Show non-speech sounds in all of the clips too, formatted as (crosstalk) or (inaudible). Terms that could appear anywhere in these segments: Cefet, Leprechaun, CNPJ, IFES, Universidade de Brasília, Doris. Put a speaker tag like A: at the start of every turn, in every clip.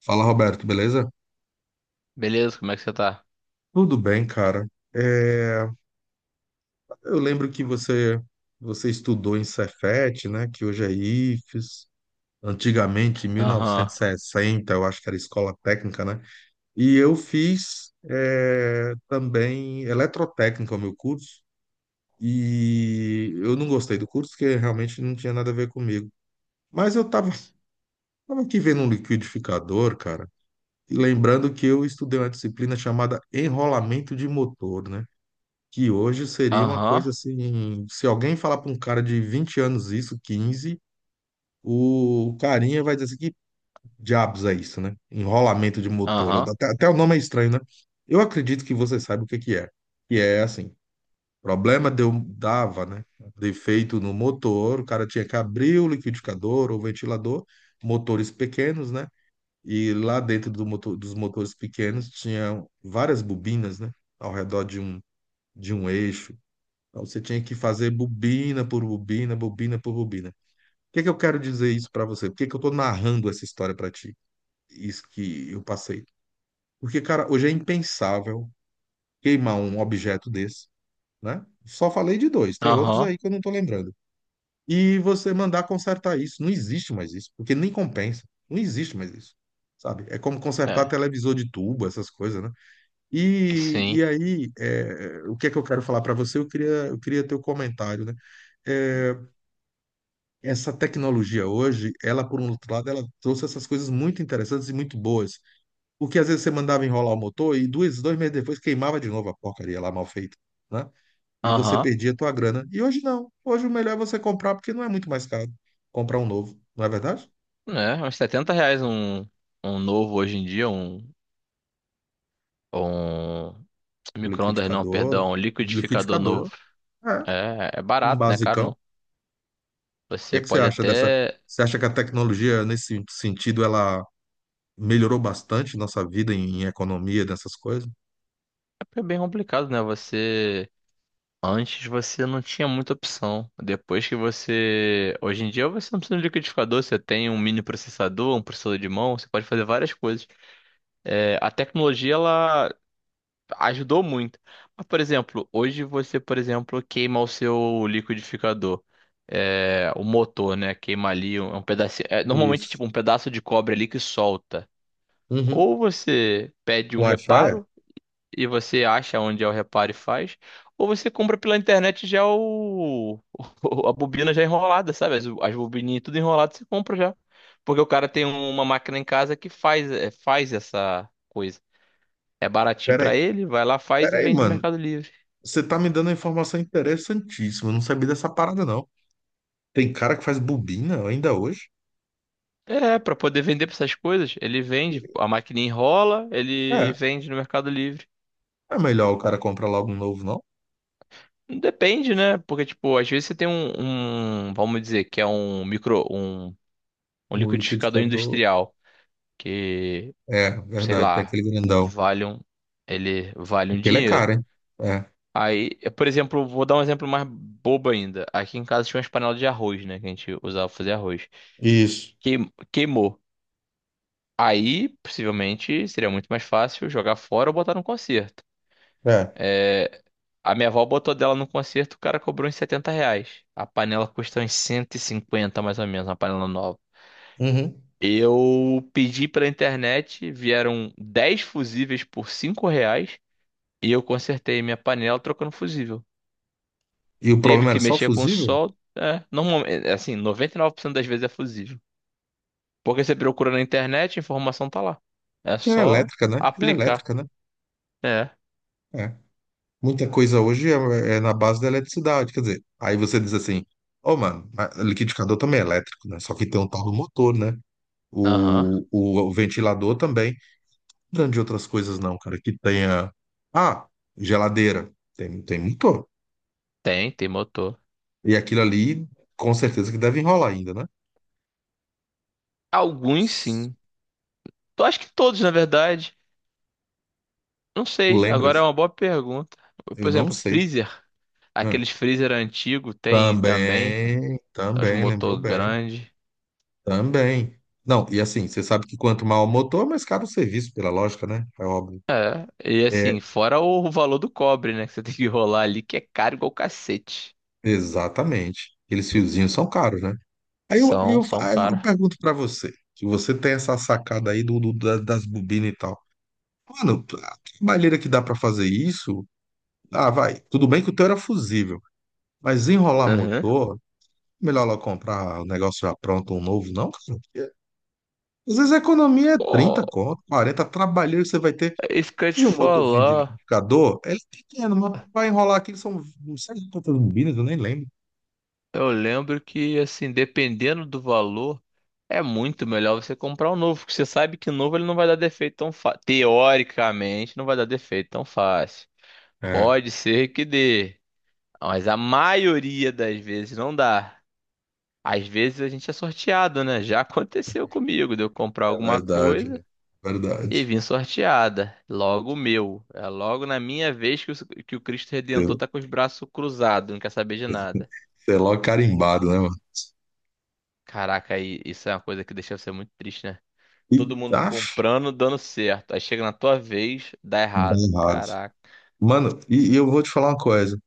A: Fala, Roberto, beleza?
B: Beleza, como é que você tá?
A: Tudo bem, cara. É, eu lembro que você estudou em Cefet, né? Que hoje é IFES. Antigamente, em mil
B: Aham,
A: novecentos e sessenta, eu acho que era escola técnica, né? E eu fiz também eletrotécnica, o meu curso. E eu não gostei do curso, porque realmente não tinha nada a ver comigo. Mas eu tava, (laughs) tava aqui vendo um liquidificador, cara. E lembrando que eu estudei uma disciplina chamada enrolamento de motor, né? Que hoje seria uma
B: aham,
A: coisa assim, se alguém falar para um cara de 20 anos isso, 15, o carinha vai dizer assim, que diabos é isso, né? Enrolamento de motor,
B: aham,
A: até o nome é estranho, né? Eu acredito que você sabe o que que é assim, problema deu, dava, né? Defeito no motor, o cara tinha que abrir o liquidificador ou ventilador, motores pequenos, né? E lá dentro do motor, dos motores pequenos tinha várias bobinas, né? Ao redor de um eixo. Então, você tinha que fazer bobina por bobina, bobina por bobina. O que é que eu quero dizer isso pra você? Por que que eu tô narrando essa história pra ti? Isso que eu passei. Porque, cara, hoje é impensável queimar um objeto desse, né? Só falei de dois, tem outros
B: aham,
A: aí que eu não tô lembrando. E você mandar consertar isso, não existe mais isso, porque nem compensa. Não existe mais isso. Sabe? É como consertar
B: é,
A: televisor de tubo, essas coisas, né? E,
B: sim,
A: e aí, o que é que eu quero falar pra você? Eu queria teu comentário, né? É, essa tecnologia hoje, ela, por um outro lado, ela trouxe essas coisas muito interessantes e muito boas. Porque às vezes você mandava enrolar o motor e dois meses depois queimava de novo a porcaria lá mal feita, né? E você
B: aham,
A: perdia a tua grana. E hoje não. Hoje o melhor é você comprar, porque não é muito mais caro comprar um novo, não é verdade?
B: né, uns R$ 70 um, um novo hoje em dia, um
A: O
B: micro-ondas não,
A: liquidificador,
B: perdão, um
A: Um
B: liquidificador novo,
A: liquidificador, é,
B: é
A: um
B: barato, né, caro
A: basicão. O
B: não,
A: que é
B: você
A: que você
B: pode
A: acha dessa?
B: até,
A: Você acha que a tecnologia, nesse sentido, ela melhorou bastante nossa vida em economia, dessas coisas?
B: é bem complicado, né, você, antes você não tinha muita opção, depois que você, hoje em dia você não precisa de um liquidificador, você tem um mini processador, um processador de mão, você pode fazer várias coisas. É, a tecnologia ela ajudou muito. Mas, por exemplo, hoje você, por exemplo, queima o seu liquidificador, é, o motor, né? Queima ali um pedacinho. É, normalmente,
A: Isso.
B: tipo, um pedaço de cobre ali que solta.
A: Uhum.
B: Ou você pede um
A: Com air fryer?
B: reparo e você acha onde é o reparo e faz. Ou você compra pela internet já o, (laughs) a bobina já é enrolada, sabe? As bobininhas tudo enrolado, você compra já. Porque o cara tem uma máquina em casa que faz essa coisa. É baratinho pra
A: Peraí,
B: ele, vai lá, faz e
A: peraí,
B: vende no
A: mano.
B: Mercado Livre.
A: Você tá me dando uma informação interessantíssima. Eu não sabia dessa parada, não. Tem cara que faz bobina ainda hoje?
B: É, pra poder vender pra essas coisas, ele vende, a maquininha enrola, ele
A: É,
B: vende no Mercado Livre.
A: é melhor o cara comprar logo um novo, não?
B: Depende, né? Porque, tipo, às vezes você tem um, vamos dizer, que é um
A: Um
B: liquidificador
A: liquidificador.
B: industrial, que,
A: É,
B: sei
A: verdade, tem
B: lá,
A: aquele grandão.
B: vale um, ele vale um
A: Aquele é
B: dinheiro.
A: caro, hein? É.
B: Aí, eu, por exemplo, vou dar um exemplo mais bobo ainda. Aqui em casa tinha umas panelas de arroz, né? Que a gente usava pra fazer arroz.
A: Isso.
B: Queimou. Aí, possivelmente, seria muito mais fácil jogar fora ou botar num concerto.
A: É.
B: É, a minha avó botou dela no concerto, o cara cobrou uns R$ 70. A panela custa uns 150, mais ou menos, uma panela nova.
A: Uhum.
B: Eu pedi pela internet, vieram 10 fusíveis por R$ 5 e eu consertei minha panela trocando fusível.
A: E o
B: Teve
A: problema era
B: que
A: só
B: mexer com o
A: fusível?
B: sol, é, normalmente, assim, 99% das vezes é fusível. Porque você procura na internet, a informação tá lá. É
A: Que era
B: só
A: elétrica, né? Era
B: aplicar.
A: elétrica, né?
B: É.
A: É. Muita coisa hoje é na base da eletricidade. Quer dizer, aí você diz assim, ô, mano, mas liquidificador também é elétrico, né? Só que tem um tal do motor, né?
B: Aham.
A: O ventilador também. Não de outras coisas, não, cara. Que tenha. Ah, geladeira. Tem motor.
B: Tem motor.
A: E aquilo ali, com certeza que deve enrolar ainda, né?
B: Alguns sim. Eu acho que todos, na verdade. Não
A: Tu
B: sei, agora é
A: lembras?
B: uma boa pergunta.
A: Eu
B: Por
A: não
B: exemplo,
A: sei.
B: freezer.
A: Ah,
B: Aqueles freezer antigo tem também.
A: também,
B: Os
A: também, lembrou
B: motor
A: bem.
B: grande.
A: Também. Não, e assim, você sabe que quanto maior o motor, mais caro o serviço, pela lógica, né? É óbvio.
B: E
A: É,
B: assim, fora o valor do cobre, né? Que você (laughs) tem que rolar ali, que é caro igual cacete.
A: exatamente. Aqueles fiozinhos são caros, né? Aí eu, aí
B: São,
A: eu,
B: são
A: aí eu
B: caros.
A: pergunto pra você, que você tem essa sacada aí das bobinas e tal. Mano, a trabalheira que dá pra fazer isso, ah, vai. Tudo bem que o teu era fusível, mas enrolar
B: Aham.
A: motor, melhor lá comprar o negócio já pronto, um novo, não, cara. Porque às vezes a economia é
B: Pô,
A: 30, conto, 40, trabalheiro que você vai ter.
B: é isso que eu ia te
A: E o motorzinho de
B: falar.
A: liquidificador, ele é pequeno, mas pra enrolar aqui são, não sei quantas bobinas, eu nem lembro.
B: Eu lembro que, assim, dependendo do valor, é muito melhor você comprar um novo, porque você sabe que o novo ele não vai dar defeito tão fácil. Teoricamente, não vai dar defeito tão fácil.
A: É,
B: Pode ser que dê, mas a maioria das vezes não dá. Às vezes a gente é sorteado, né? Já (laughs) aconteceu comigo de eu comprar
A: é
B: alguma
A: verdade, né?
B: coisa e
A: Verdade.
B: vim sorteada. Logo o meu. É logo na minha vez que o Cristo
A: Sei
B: Redentor tá com os braços cruzados, não quer saber de nada.
A: sei lá, carimbado, né.
B: Caraca, aí isso é uma coisa que deixa você muito triste, né?
A: E,
B: Todo mundo
A: Aff,
B: comprando, dando certo. Aí chega na tua vez, dá
A: dá
B: errado.
A: errado.
B: Caraca.
A: Mano, e eu vou te falar uma coisa.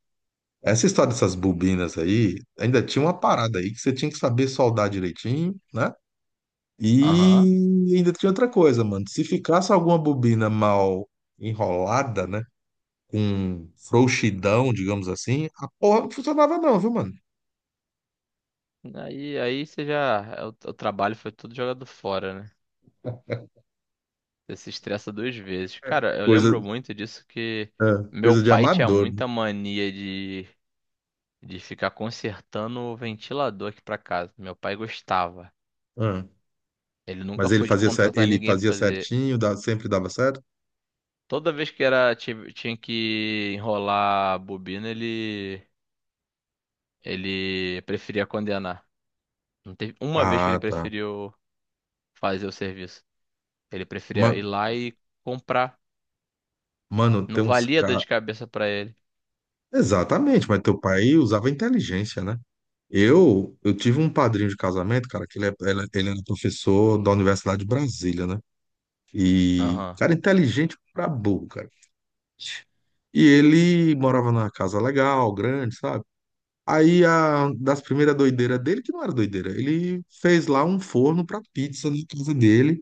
A: Essa história dessas bobinas aí, ainda tinha uma parada aí que você tinha que saber soldar direitinho, né?
B: Aham.
A: E ainda tinha outra coisa, mano. Se ficasse alguma bobina mal enrolada, né? Com frouxidão, digamos assim, a porra não funcionava não, viu, mano?
B: Aí você já. O trabalho foi tudo jogado fora, né? Você se estressa duas vezes.
A: É.
B: Cara, eu
A: Coisa,
B: lembro muito disso que
A: é,
B: meu
A: coisa de
B: pai tinha
A: amador, né?
B: muita mania de ficar consertando o ventilador aqui pra casa. Meu pai gostava.
A: Ah,
B: Ele nunca
A: mas ele
B: foi de
A: fazia,
B: contratar
A: ele
B: ninguém pra
A: fazia
B: fazer.
A: certinho, sempre dava certo?
B: Toda vez que era, tinha que enrolar a bobina, ele preferia condenar. Não teve uma vez que ele
A: Ah, tá.
B: preferiu fazer o serviço. Ele preferia ir
A: Ma-
B: lá e comprar.
A: Mano,
B: Não
A: tem uns
B: valia dor
A: caras.
B: de cabeça pra ele.
A: Exatamente, mas teu pai usava inteligência, né? Eu tive um padrinho de casamento, cara, que ele, ele, ele era professor da Universidade de Brasília, né? E,
B: Aham.
A: cara, inteligente pra burro, cara. E ele morava numa casa legal, grande, sabe? Aí, das primeiras doideiras dele, que não era doideira, ele fez lá um forno pra pizza na casa dele.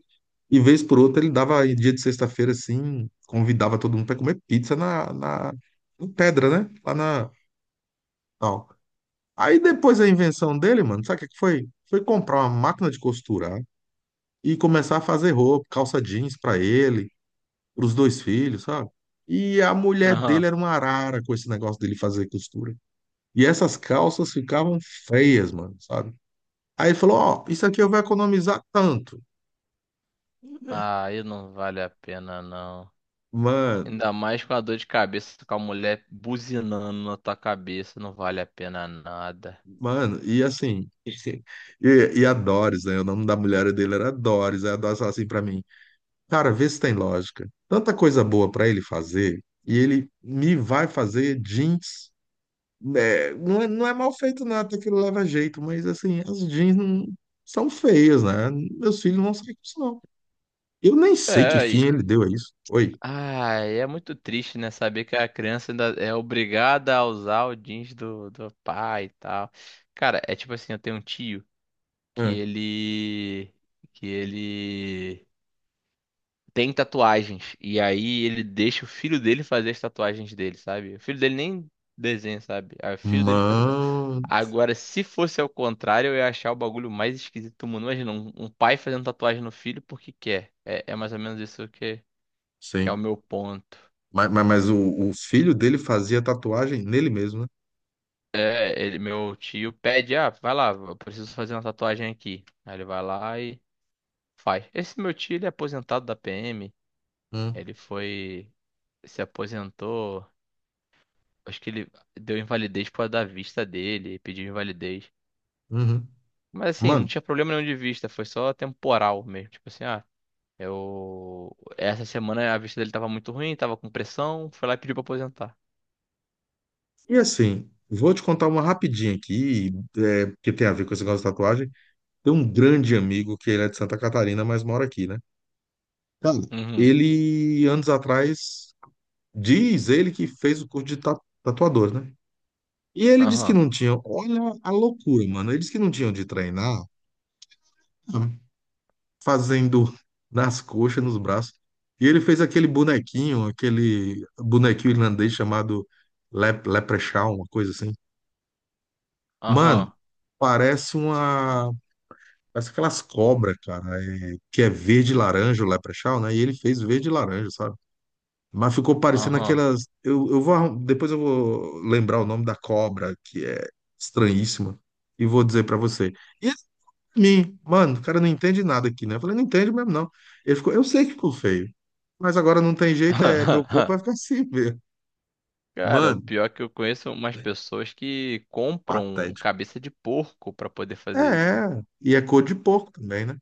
A: E vez por outra, ele dava, em dia de sexta-feira, assim, convidava todo mundo pra comer pizza na pedra, né? Lá na, tal. Aí depois a invenção dele, mano, sabe o que é que foi? Foi comprar uma máquina de costurar e começar a fazer roupa, calça jeans pra ele, pros dois filhos, sabe? E a mulher dele
B: Aham.
A: era uma arara com esse negócio dele fazer costura. E essas calças ficavam feias, mano, sabe? Aí ele falou, ó, isso aqui eu vou economizar tanto.
B: Ah, aí não vale a pena, não.
A: Mano,
B: Ainda mais com a dor de cabeça, com a mulher buzinando na tua cabeça, não vale a pena nada.
A: mano, e assim, (laughs) e a Doris, né? O nome da mulher dele era Doris. Aí a Doris falou assim pra mim, cara, vê se tem lógica. Tanta coisa boa pra ele fazer e ele me vai fazer jeans. É, não é mal feito nada, aquilo leva jeito, mas assim, as jeans são feias, né? Meus filhos não saem com isso, não. Eu nem sei que
B: É,
A: fim
B: e...
A: ele deu a isso. Oi.
B: Ai, é muito triste, né? Saber que a criança ainda é obrigada a usar o jeans do pai e tal. Cara, é tipo assim, eu tenho um tio que
A: É.
B: ele. Que ele tem tatuagens. E aí ele deixa o filho dele fazer as tatuagens dele, sabe? O filho dele nem desenha, sabe? Aí o filho dele faz tatuagem.
A: Mano,
B: Agora, se fosse ao contrário, eu ia achar o bagulho mais esquisito do mundo. Imagina, um pai fazendo tatuagem no filho porque quer. É mais ou menos isso que é o
A: sim.
B: meu ponto.
A: Mas o filho dele fazia tatuagem nele mesmo, né?
B: É, ele, meu tio pede, ah, vai lá, eu preciso fazer uma tatuagem aqui. Aí ele vai lá e faz. Esse meu tio, ele é aposentado da PM.
A: Hum,
B: Ele foi, se aposentou. Acho que ele deu invalidez por causa da vista dele, pediu invalidez.
A: uhum.
B: Mas assim, não
A: Mano,
B: tinha problema nenhum de vista, foi só temporal mesmo. Tipo assim, ah, eu. Essa semana a vista dele tava muito ruim, tava com pressão, foi lá e pediu pra aposentar.
A: e assim, vou te contar uma rapidinha aqui, que tem a ver com esse negócio de tatuagem. Tem um grande amigo que ele é de Santa Catarina, mas mora aqui, né? Cara,
B: Uhum,
A: ele, anos atrás, diz ele que fez o curso de tatuador, né? E ele disse que
B: aham,
A: não tinha, olha a loucura, mano. Ele disse que não tinha de treinar, ah, fazendo nas coxas, nos braços. E ele fez aquele bonequinho irlandês chamado Leprechaun, uma coisa assim. Mano,
B: aham,
A: parece uma Parece aquelas cobras, cara, que é verde e laranja, o Leprechaun, né? E ele fez verde e laranja, sabe? Mas ficou parecendo
B: aham.
A: aquelas. Eu vou. Depois eu vou lembrar o nome da cobra, que é estranhíssima, e vou dizer pra você. E esse, pra mim, mano, o cara não entende nada aqui, né? Eu falei, não entende mesmo, não. Ele ficou, eu sei que ficou feio, mas agora não tem jeito, é meu
B: (laughs)
A: corpo vai ficar (laughs) assim mesmo.
B: Cara, o
A: Mano,
B: pior é que eu conheço umas pessoas que compram
A: patético.
B: cabeça de porco pra poder
A: É,
B: fazer isso.
A: é. E é cor de porco também, né?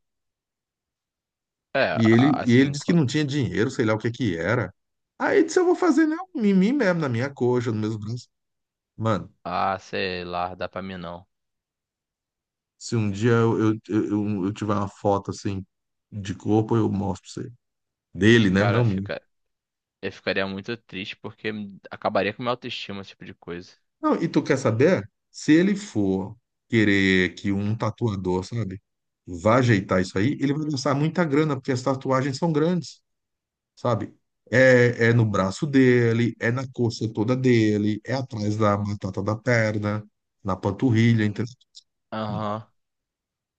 B: É,
A: E ele,
B: a-
A: e ele
B: assim,
A: disse que
B: quando-
A: não tinha dinheiro, sei lá o que que era. Aí disse, eu vou fazer, né, um em mim mesmo, na minha coxa, nos meus braços. Mano,
B: ah, sei lá, dá pra mim não.
A: se um dia eu tiver uma foto assim de corpo, eu mostro pra você. Dele, né? Não
B: Cara,
A: minha.
B: fica. Eu ficaria muito triste porque acabaria com minha autoestima, esse tipo de coisa.
A: Não, e tu quer saber? Se ele for querer que um tatuador, sabe, vá ajeitar isso aí, ele vai gastar muita grana, porque as tatuagens são grandes. Sabe? É, é no braço dele, é na coxa toda dele, é atrás da batata da perna, na panturrilha, entendeu?
B: Aham.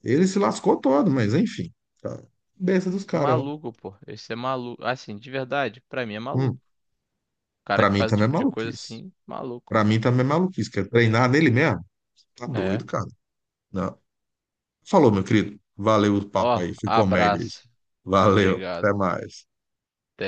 A: Ele se lascou todo, mas enfim. Tá. Besta dos caras, né?
B: Maluco, pô. Esse é maluco. Assim, de verdade, pra mim é maluco.
A: Hum,
B: O cara
A: Pra
B: que
A: mim
B: faz um
A: também é
B: tipo de coisa
A: maluquice.
B: assim, maluco.
A: Pra mim também é maluquice. Quer treinar nele mesmo? Tá
B: É.
A: doido, cara. Não. Falou, meu querido. Valeu o papo
B: Ó,
A: aí. Foi comédia isso.
B: abraço.
A: Valeu. Até
B: Obrigado.
A: mais.
B: Até.